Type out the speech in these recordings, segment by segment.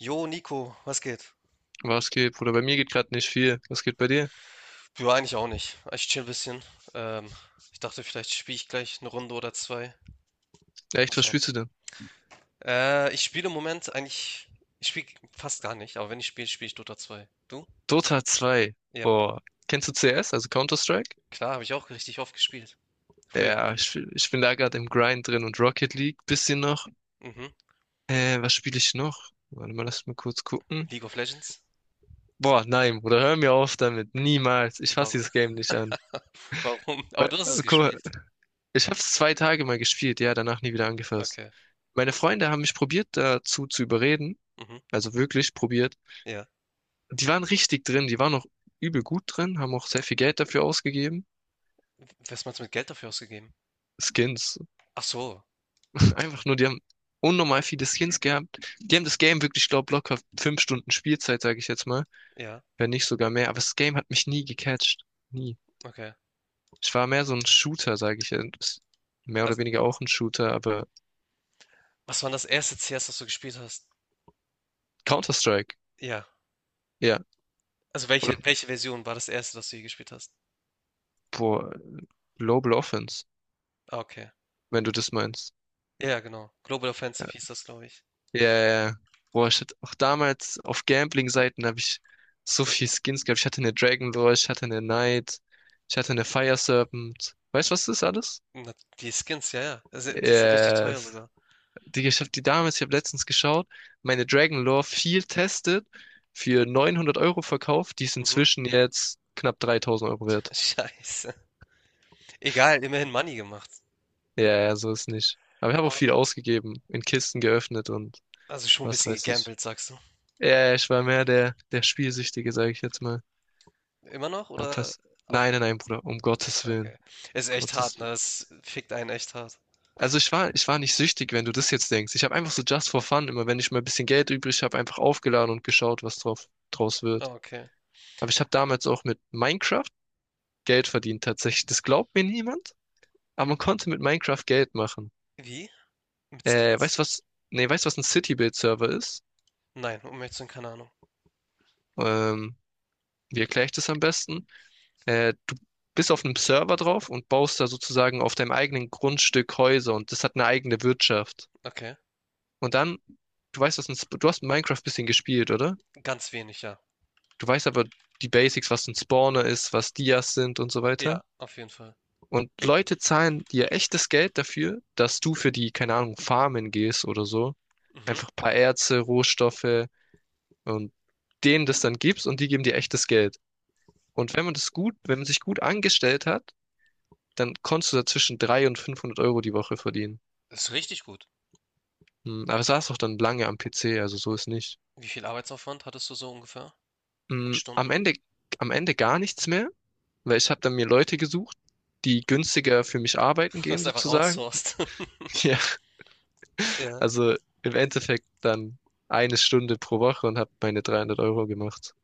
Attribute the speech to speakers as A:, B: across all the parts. A: Jo, Nico, was geht?
B: Was geht, Bruder? Bei mir geht gerade nicht viel. Was geht bei dir?
A: Ja, eigentlich auch nicht. Ich chill ein bisschen. Ähm, ich dachte, vielleicht spiele ich gleich eine Runde oder zwei.
B: Ja,
A: Mal
B: echt, was
A: schauen.
B: spielst du denn?
A: Ich spiele im Moment eigentlich, ich spiele fast gar nicht, aber wenn ich spiele, spiele ich Dota 2. Du?
B: Dota 2.
A: Ja,
B: Boah. Kennst du CS, also Counter-Strike?
A: klar, habe ich auch richtig oft gespielt. Früher.
B: Ja, ich bin da gerade im Grind drin und Rocket League. Bisschen noch.
A: Mhm.
B: Was spiele ich noch? Warte mal, lass mich kurz gucken.
A: League of Legends?
B: Boah, nein, Bruder, hör mir auf damit. Niemals. Ich fasse
A: Warum?
B: dieses Game nicht an.
A: Warum? Aber
B: Weil-
A: du hast es
B: Guck mal,
A: gespielt.
B: ich habe es 2 Tage mal gespielt, ja, danach nie wieder angefasst.
A: Okay.
B: Meine Freunde haben mich probiert, dazu zu überreden.
A: Mhm.
B: Also wirklich probiert.
A: Ja.
B: Die waren richtig drin, die waren auch übel gut drin, haben auch sehr viel Geld dafür ausgegeben.
A: Was meinst du mit Geld dafür ausgegeben?
B: Skins.
A: Ach so. Okay.
B: Einfach nur, die haben unnormal viele Skins gehabt. Die haben das Game wirklich, ich glaube, locker 5 Stunden Spielzeit, sage ich jetzt mal.
A: Ja.
B: Wenn nicht sogar mehr. Aber das Game hat mich nie gecatcht. Nie.
A: Okay.
B: Ich war mehr so ein Shooter, sage ich jetzt. Mehr
A: Also,
B: oder weniger auch ein Shooter, aber
A: was war das erste CS, das du gespielt hast?
B: Counter-Strike.
A: Ja.
B: Ja.
A: Also,
B: Oder,
A: welche Version war das erste, das du je gespielt hast?
B: boah, Global Offense,
A: Ah, okay.
B: wenn du das meinst.
A: Ja, ja, genau. Global Offensive hieß das, glaube ich.
B: Ja, ja, ja. Boah, ich hatte auch damals auf Gambling-Seiten habe ich so viel Skins gehabt. Ich hatte eine Dragon Lore, ich hatte eine Knight, ich hatte eine Fire Serpent. Weißt du, was das ist alles?
A: Na, die Skins, ja, ja. Also, die sind richtig teuer
B: Yes.
A: sogar.
B: Digga, ich hab die damals, ich habe letztens geschaut, meine Dragon Lore viel testet, für 900 Euro verkauft, die ist
A: Mhm.
B: inzwischen jetzt knapp 3.000 Euro wert.
A: Scheiße. Egal, immerhin Money gemacht.
B: Ja, ja, so ist nicht. Aber ich habe auch
A: Ah,
B: viel ausgegeben, in Kisten geöffnet und
A: also schon ein
B: was
A: bisschen
B: weiß ich.
A: gegambelt, sagst du?
B: Ja, ja, ich war mehr der, der Spielsüchtige, sage ich jetzt mal.
A: Immer noch oder
B: Abpassen. Nein, nein,
A: aufgehört?
B: nein, Bruder, um Gottes Willen.
A: Okay.
B: Um
A: Ist echt
B: Gottes
A: hart, ne?
B: Willen.
A: Es fickt einen echt hart.
B: Also ich war nicht süchtig, wenn du das jetzt denkst. Ich habe einfach so just for fun, immer wenn ich mal ein bisschen Geld übrig habe, einfach aufgeladen und geschaut, was draus
A: Ah,
B: wird.
A: okay.
B: Aber ich habe damals auch mit Minecraft Geld verdient tatsächlich. Das glaubt mir niemand, aber man konnte mit Minecraft Geld machen.
A: Wie? Mit
B: Weißt
A: Skins?
B: du was? Nee, weißt du, was ein City-Build-Server ist?
A: Nein, um ehrlich zu sein, keine Ahnung.
B: Ähm, Wie erkläre ich das am besten? Du bist auf einem Server drauf und baust da sozusagen auf deinem eigenen Grundstück Häuser und das hat eine eigene Wirtschaft.
A: Okay.
B: Und dann, du weißt, du hast Minecraft ein bisschen gespielt, oder?
A: Ganz wenig, ja.
B: Du weißt aber die Basics, was ein Spawner ist, was Dias sind und so weiter.
A: Ja, auf jeden Fall.
B: Und Leute zahlen dir echtes Geld dafür, dass du für die, keine Ahnung, Farmen gehst oder so.
A: Mhm.
B: Einfach ein paar Erze, Rohstoffe und denen das dann gibst und die geben dir echtes Geld. Und wenn man sich gut angestellt hat, dann konntest du da zwischen 300 und 500 Euro die Woche verdienen.
A: Ist richtig gut.
B: Hm, Aber saß auch dann lange am PC, also so
A: Wie
B: ist nicht.
A: wie viel Arbeitsaufwand hattest du so ungefähr? In
B: Hm, Am
A: Stunden?
B: Ende, am Ende gar nichts mehr. Weil ich habe dann mir Leute gesucht, die günstiger für mich arbeiten
A: Du
B: gehen
A: hast einfach
B: sozusagen.
A: outsourced.
B: Ja.
A: Ja,
B: Also im Endeffekt dann eine Stunde pro Woche und habe meine 300 Euro gemacht.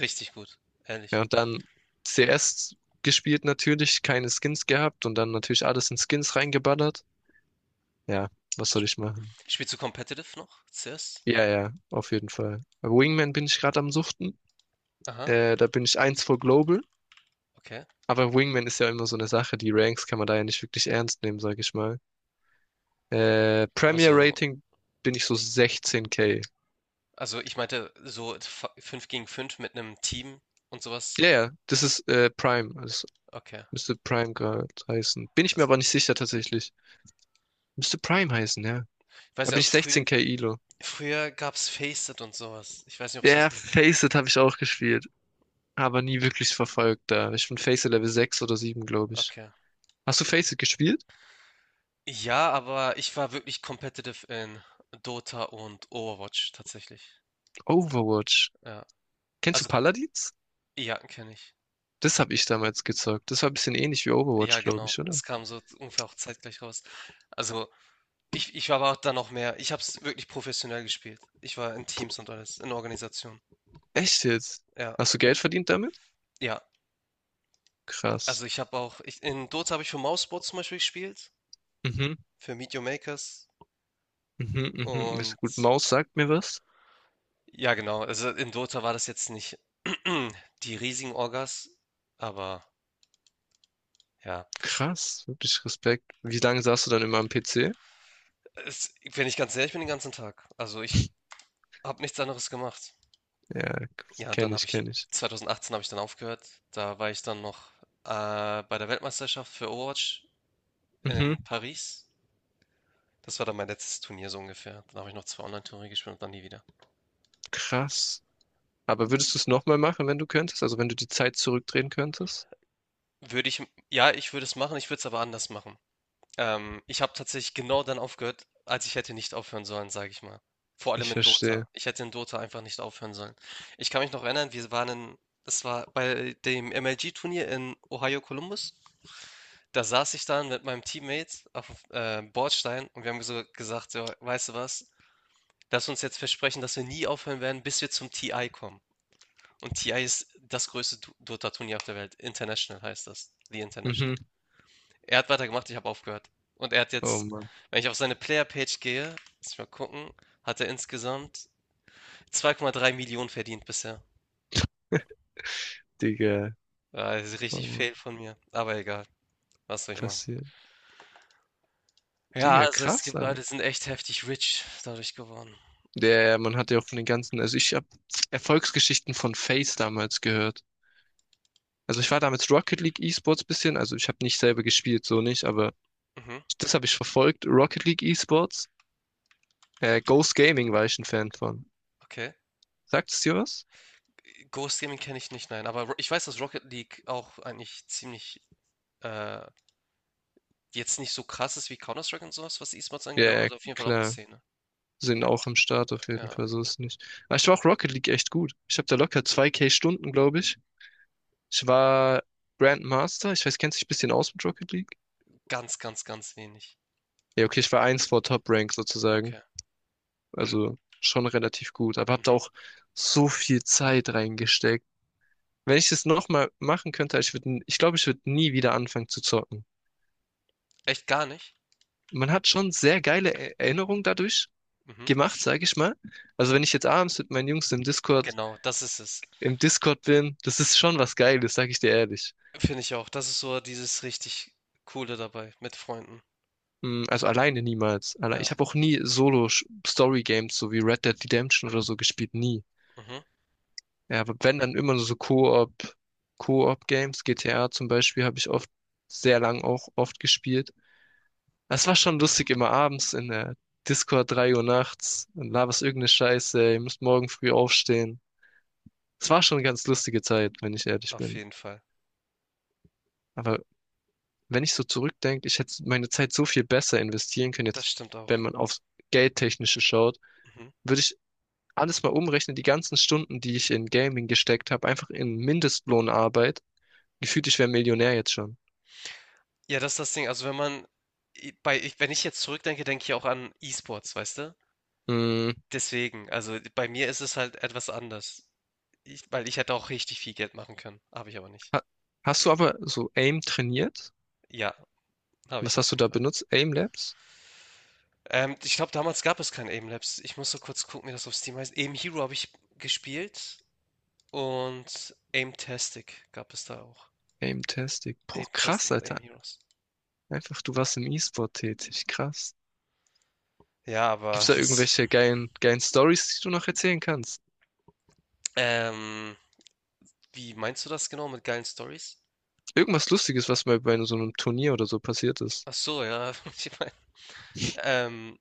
A: richtig gut, ehrlich.
B: Ja, und dann CS gespielt natürlich, keine Skins gehabt und dann natürlich alles in Skins reingeballert. Ja, was soll ich
A: Sp-
B: machen?
A: Spielst du competitive noch? CS?
B: Ja, ja, auf jeden Fall. Bei Wingman bin ich gerade am Suchten.
A: Aha,
B: Da bin ich eins vor Global.
A: okay.
B: Aber Wingman ist ja immer so eine Sache, die Ranks kann man da ja nicht wirklich ernst nehmen, sag ich mal.
A: Aber
B: Premier
A: so,
B: Rating bin ich so 16K.
A: also ich meinte so 5 gegen 5 mit einem Team und sowas.
B: Ja, ja, das ist Prime. Das
A: Okay.
B: müsste Prime gerade heißen. Bin ich mir
A: Also,
B: aber nicht sicher tatsächlich. Müsste Prime heißen, ja.
A: ich weiß
B: Da
A: ja,
B: bin ich
A: also früher,
B: 16K Elo.
A: früher gab's Faceit und sowas. Ich weiß nicht, ob es
B: Ja,
A: das noch.
B: Faceit habe ich auch gespielt, aber nie wirklich verfolgt da. Ich bin Faceit Level 6 oder sieben, glaube ich.
A: Okay.
B: Hast du Faceit gespielt?
A: Ja, aber ich war wirklich competitive in Dota und Overwatch tatsächlich.
B: Overwatch.
A: Ja.
B: Kennst du
A: Also,
B: Paladins?
A: ja, kenne ich.
B: Das habe ich damals gezockt. Das war ein bisschen ähnlich wie Overwatch,
A: Ja,
B: glaube
A: genau.
B: ich, oder?
A: Es kam so ungefähr auch zeitgleich raus. Also, ich war aber dann noch mehr. Ich habe es wirklich professionell gespielt. Ich war in Teams und alles, in Organisation.
B: Echt jetzt?
A: Ja,
B: Hast du Geld verdient damit?
A: ja.
B: Krass.
A: Also ich habe auch, ich, in Dota habe ich für Mouseboard zum Beispiel gespielt,
B: Mhm.
A: für Meet Your Makers.
B: Mhm, mhm, ist gut.
A: Und
B: Maus sagt mir was.
A: ja, genau. Also in Dota war das jetzt nicht die riesigen Orgas, aber ja.
B: Krass, wirklich Respekt. Wie lange saßt du dann immer am PC?
A: Es, wenn ich ganz ehrlich bin, den ganzen Tag. Also ich habe nichts anderes gemacht.
B: Ja,
A: Ja, dann
B: kenne
A: habe
B: ich,
A: ich,
B: kenne ich.
A: 2018 habe ich dann aufgehört. Da war ich dann noch bei der Weltmeisterschaft für Overwatch
B: Mhm,
A: in Paris. Das war dann mein letztes Turnier so ungefähr. Dann habe ich noch zwei Online-Turniere gespielt und dann nie wieder.
B: krass. Aber würdest du es nochmal machen, wenn du könntest? Also wenn du die Zeit zurückdrehen könntest?
A: Würde ich, ja, ich würde es machen, ich würde es aber anders machen. Ich habe tatsächlich genau dann aufgehört, als ich hätte nicht aufhören sollen, sage ich mal. Vor allem
B: Ich
A: in Dota.
B: verstehe.
A: Ich hätte in Dota einfach nicht aufhören sollen. Ich kann mich noch erinnern, wir waren in, das war bei dem MLG-Turnier in Ohio Columbus. Da saß ich dann mit meinem Teammate auf Bordstein und wir haben so gesagt, so, weißt du was, lass uns jetzt versprechen, dass wir nie aufhören werden, bis wir zum TI kommen. Und TI ist das größte Dota-Turnier auf der Welt. International heißt das. The International.
B: Mhm.
A: Er hat weitergemacht, ich habe aufgehört. Und er hat
B: Oh
A: jetzt,
B: Mann,
A: wenn ich auf seine Player-Page gehe, lass mich mal gucken, hat er insgesamt 2,3 Millionen verdient bisher.
B: Digga.
A: Ja, das ist
B: Oh
A: richtig
B: Mann,
A: fail von mir. Aber egal, was soll ich machen?
B: passiert.
A: Ja,
B: Digga,
A: also es
B: krass,
A: gibt
B: aber.
A: Leute, die sind echt heftig rich dadurch geworden.
B: Man hat ja auch von den ganzen, also ich habe Erfolgsgeschichten von FaZe damals gehört. Also ich war damals Rocket League E-Sports bisschen, also ich habe nicht selber gespielt, so nicht, aber
A: Mhm,
B: das habe ich verfolgt. Rocket League Esports. Ghost Gaming war ich ein Fan von.
A: okay.
B: Sagt es dir was?
A: Ghost Gaming kenne ich nicht, nein. Aber ich weiß, dass Rocket League auch eigentlich ziemlich äh, Jetzt nicht so krass ist wie Counter-Strike und sowas, was, E-Sports angeht, aber
B: Ja, ja,
A: hat auf jeden Fall auch eine
B: klar.
A: Szene.
B: Sind auch am Start auf jeden
A: Ja,
B: Fall, so ist es nicht. Aber ich war auch Rocket League echt gut. Ich habe da locker 2K Stunden, glaube ich. Ich war Grandmaster. Ich weiß, kennst du dich ein bisschen aus mit Rocket League?
A: ganz, ganz, ganz wenig.
B: Ja, okay, ich war eins vor Top Rank sozusagen.
A: Okay.
B: Also schon relativ gut. Aber hab da
A: Mhm.
B: auch so viel Zeit reingesteckt. Wenn ich das nochmal machen könnte, ich würde, ich glaube, ich würde nie wieder anfangen zu zocken.
A: Echt gar nicht?
B: Man hat schon sehr geile Erinnerungen dadurch
A: Mhm.
B: gemacht, sage ich mal. Also wenn ich jetzt abends mit meinen Jungs
A: Genau, das ist es.
B: im Discord bin, das ist schon was Geiles, sage ich dir ehrlich.
A: Finde ich auch. Das ist so dieses richtig Coole dabei mit Freunden.
B: Mm, Also alleine niemals. Ich
A: Ja,
B: habe auch nie Solo-Story-Games, so wie Red Dead Redemption oder so, gespielt. Nie.
A: mhm,
B: Ja, aber wenn dann immer nur so Koop-Games, GTA zum Beispiel, habe ich oft, sehr lang auch oft gespielt. Das war schon lustig, immer abends in der Discord 3 Uhr nachts und laberst irgendeine Scheiße, ihr müsst morgen früh aufstehen. Es war schon eine ganz lustige Zeit, wenn ich ehrlich
A: auf
B: bin.
A: jeden Fall.
B: Aber wenn ich so zurückdenke, ich hätte meine Zeit so viel besser investieren können,
A: Das
B: jetzt,
A: stimmt auch.
B: wenn man aufs Geldtechnische schaut,
A: Mhm.
B: würde ich alles mal umrechnen, die ganzen Stunden, die ich in Gaming gesteckt habe, einfach in Mindestlohnarbeit. Gefühlt, ich wäre Millionär jetzt schon.
A: Ja, das ist das Ding. Also, wenn man i bei ich wenn ich jetzt zurückdenke, denke ich auch an E-Sports, weißt du?
B: Mm,
A: Deswegen, also, bei mir ist es halt etwas anders. Ich weil ich hätte auch richtig viel Geld machen können, habe ich aber nicht.
B: ha hast du aber so AIM trainiert?
A: Ja. Habe ich
B: Was
A: auf
B: hast du
A: jeden
B: da
A: Fall.
B: benutzt? AIM Labs?
A: Ich glaube, damals gab es kein Aim Labs. Ich muss so kurz gucken, wie das auf Steam heißt. Aim Hero habe ich gespielt und Aimtastic gab es da auch.
B: AIM Tastic. Boah,
A: Aimtastic
B: krass,
A: und Aim
B: Alter.
A: Heroes.
B: Einfach, du warst im E-Sport tätig. Krass.
A: Ja, aber
B: Gibt's da
A: das,
B: irgendwelche geilen, geilen Stories, die du noch erzählen kannst?
A: ähm, wie meinst du das genau mit geilen Stories?
B: Irgendwas Lustiges, was mal bei so einem Turnier oder so passiert ist.
A: Ach so, ja. Ich meine, ähm,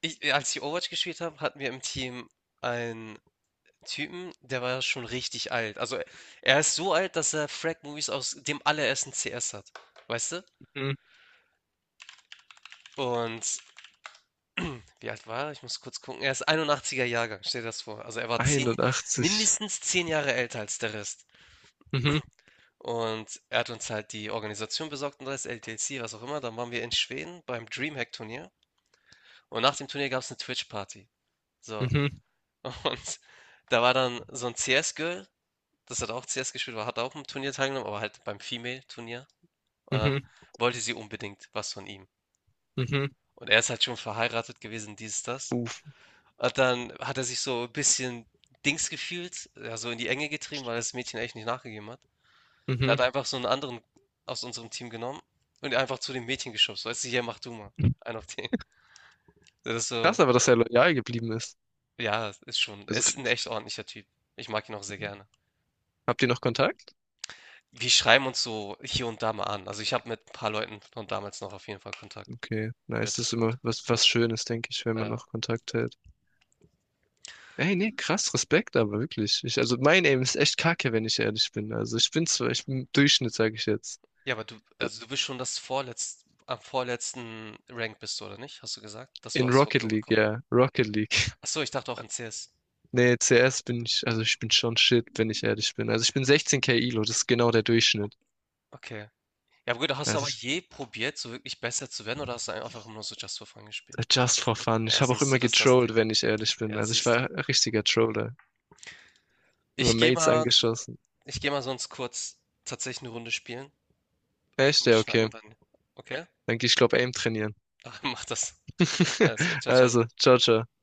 A: als ich Overwatch gespielt habe, hatten wir im Team einen Typen, der war schon richtig alt. Also er ist so alt, dass er Frag-Movies aus dem allerersten CS hat. Weißt du? Und wie alt war er? Ich muss kurz gucken. Er ist 81er Jahrgang, stell dir das vor. Also er war
B: 81.
A: mindestens 10 Jahre älter als der Rest.
B: Mhm,
A: Und er hat uns halt die Organisation besorgt und das LTC, was auch immer. Dann waren wir in Schweden beim Dreamhack-Turnier. Und nach dem Turnier gab es eine Twitch-Party. So.
B: mhm,
A: Und da war dann so ein CS-Girl, das hat auch CS gespielt, war, hat auch im Turnier teilgenommen, aber halt beim Female-Turnier. Und dann
B: mhm,
A: wollte sie unbedingt was von ihm.
B: mhm.
A: Und er ist halt schon verheiratet gewesen, dies, das.
B: Uff,
A: Und dann hat er sich so ein bisschen Dings gefühlt, ja, so in die Enge getrieben, weil das Mädchen echt nicht nachgegeben hat. Da hat er
B: mhm.
A: einfach so einen anderen aus unserem Team genommen und einfach zu dem Mädchen geschubst. Weißt du: „Hier, mach du mal." Einen auf den. Das ist so,
B: Krass, aber dass er loyal geblieben ist.
A: ja, ist schon, er
B: Also,
A: ist ein echt ordentlicher Typ. Ich mag ihn auch sehr gerne.
B: habt ihr noch Kontakt?
A: Wir schreiben uns so hier und da mal an. Also, ich habe mit ein paar Leuten von damals noch auf jeden Fall Kontakt
B: Okay,
A: über
B: nice. Das ist immer
A: Discord.
B: was Schönes, denke ich, wenn man
A: Ja.
B: noch Kontakt hält. Ey, nee, krass, Respekt, aber wirklich. Also, mein Aim ist echt kacke, wenn ich ehrlich bin. Also, ich bin Durchschnitt, sage ich jetzt.
A: Ja, aber du, also, du bist schon das vorletz, am vorletzten Rank bist du, oder nicht? Hast du gesagt, das
B: In
A: war's vor
B: Rocket
A: Global
B: League,
A: komm.
B: ja, Rocket League.
A: Ach so, ich dachte auch in CS.
B: Nee, CS bin ich, also ich bin schon shit, wenn ich ehrlich bin. Also ich bin 16K Elo, das ist genau der Durchschnitt.
A: Okay. Ja aber gut, hast du aber
B: Also
A: je probiert, so wirklich besser zu werden, oder hast du einfach immer nur so Just for Fun gespielt?
B: just for fun.
A: Ja,
B: Ich habe auch
A: siehst du,
B: immer
A: das ist das Ding.
B: getrollt, wenn ich ehrlich bin.
A: Ja,
B: Also ich
A: siehst du.
B: war ein richtiger Troller. Immer
A: Ich gehe
B: Mates
A: mal,
B: angeschossen.
A: ich gehe mal sonst kurz tatsächlich eine Runde spielen.
B: Echt?
A: Wir
B: Ja,
A: schnacken
B: okay.
A: dann. Okay?
B: Dann geh ich glaube Aim trainieren.
A: Mach das. Alles klar. Ciao, ciao.
B: Also, ciao, ciao.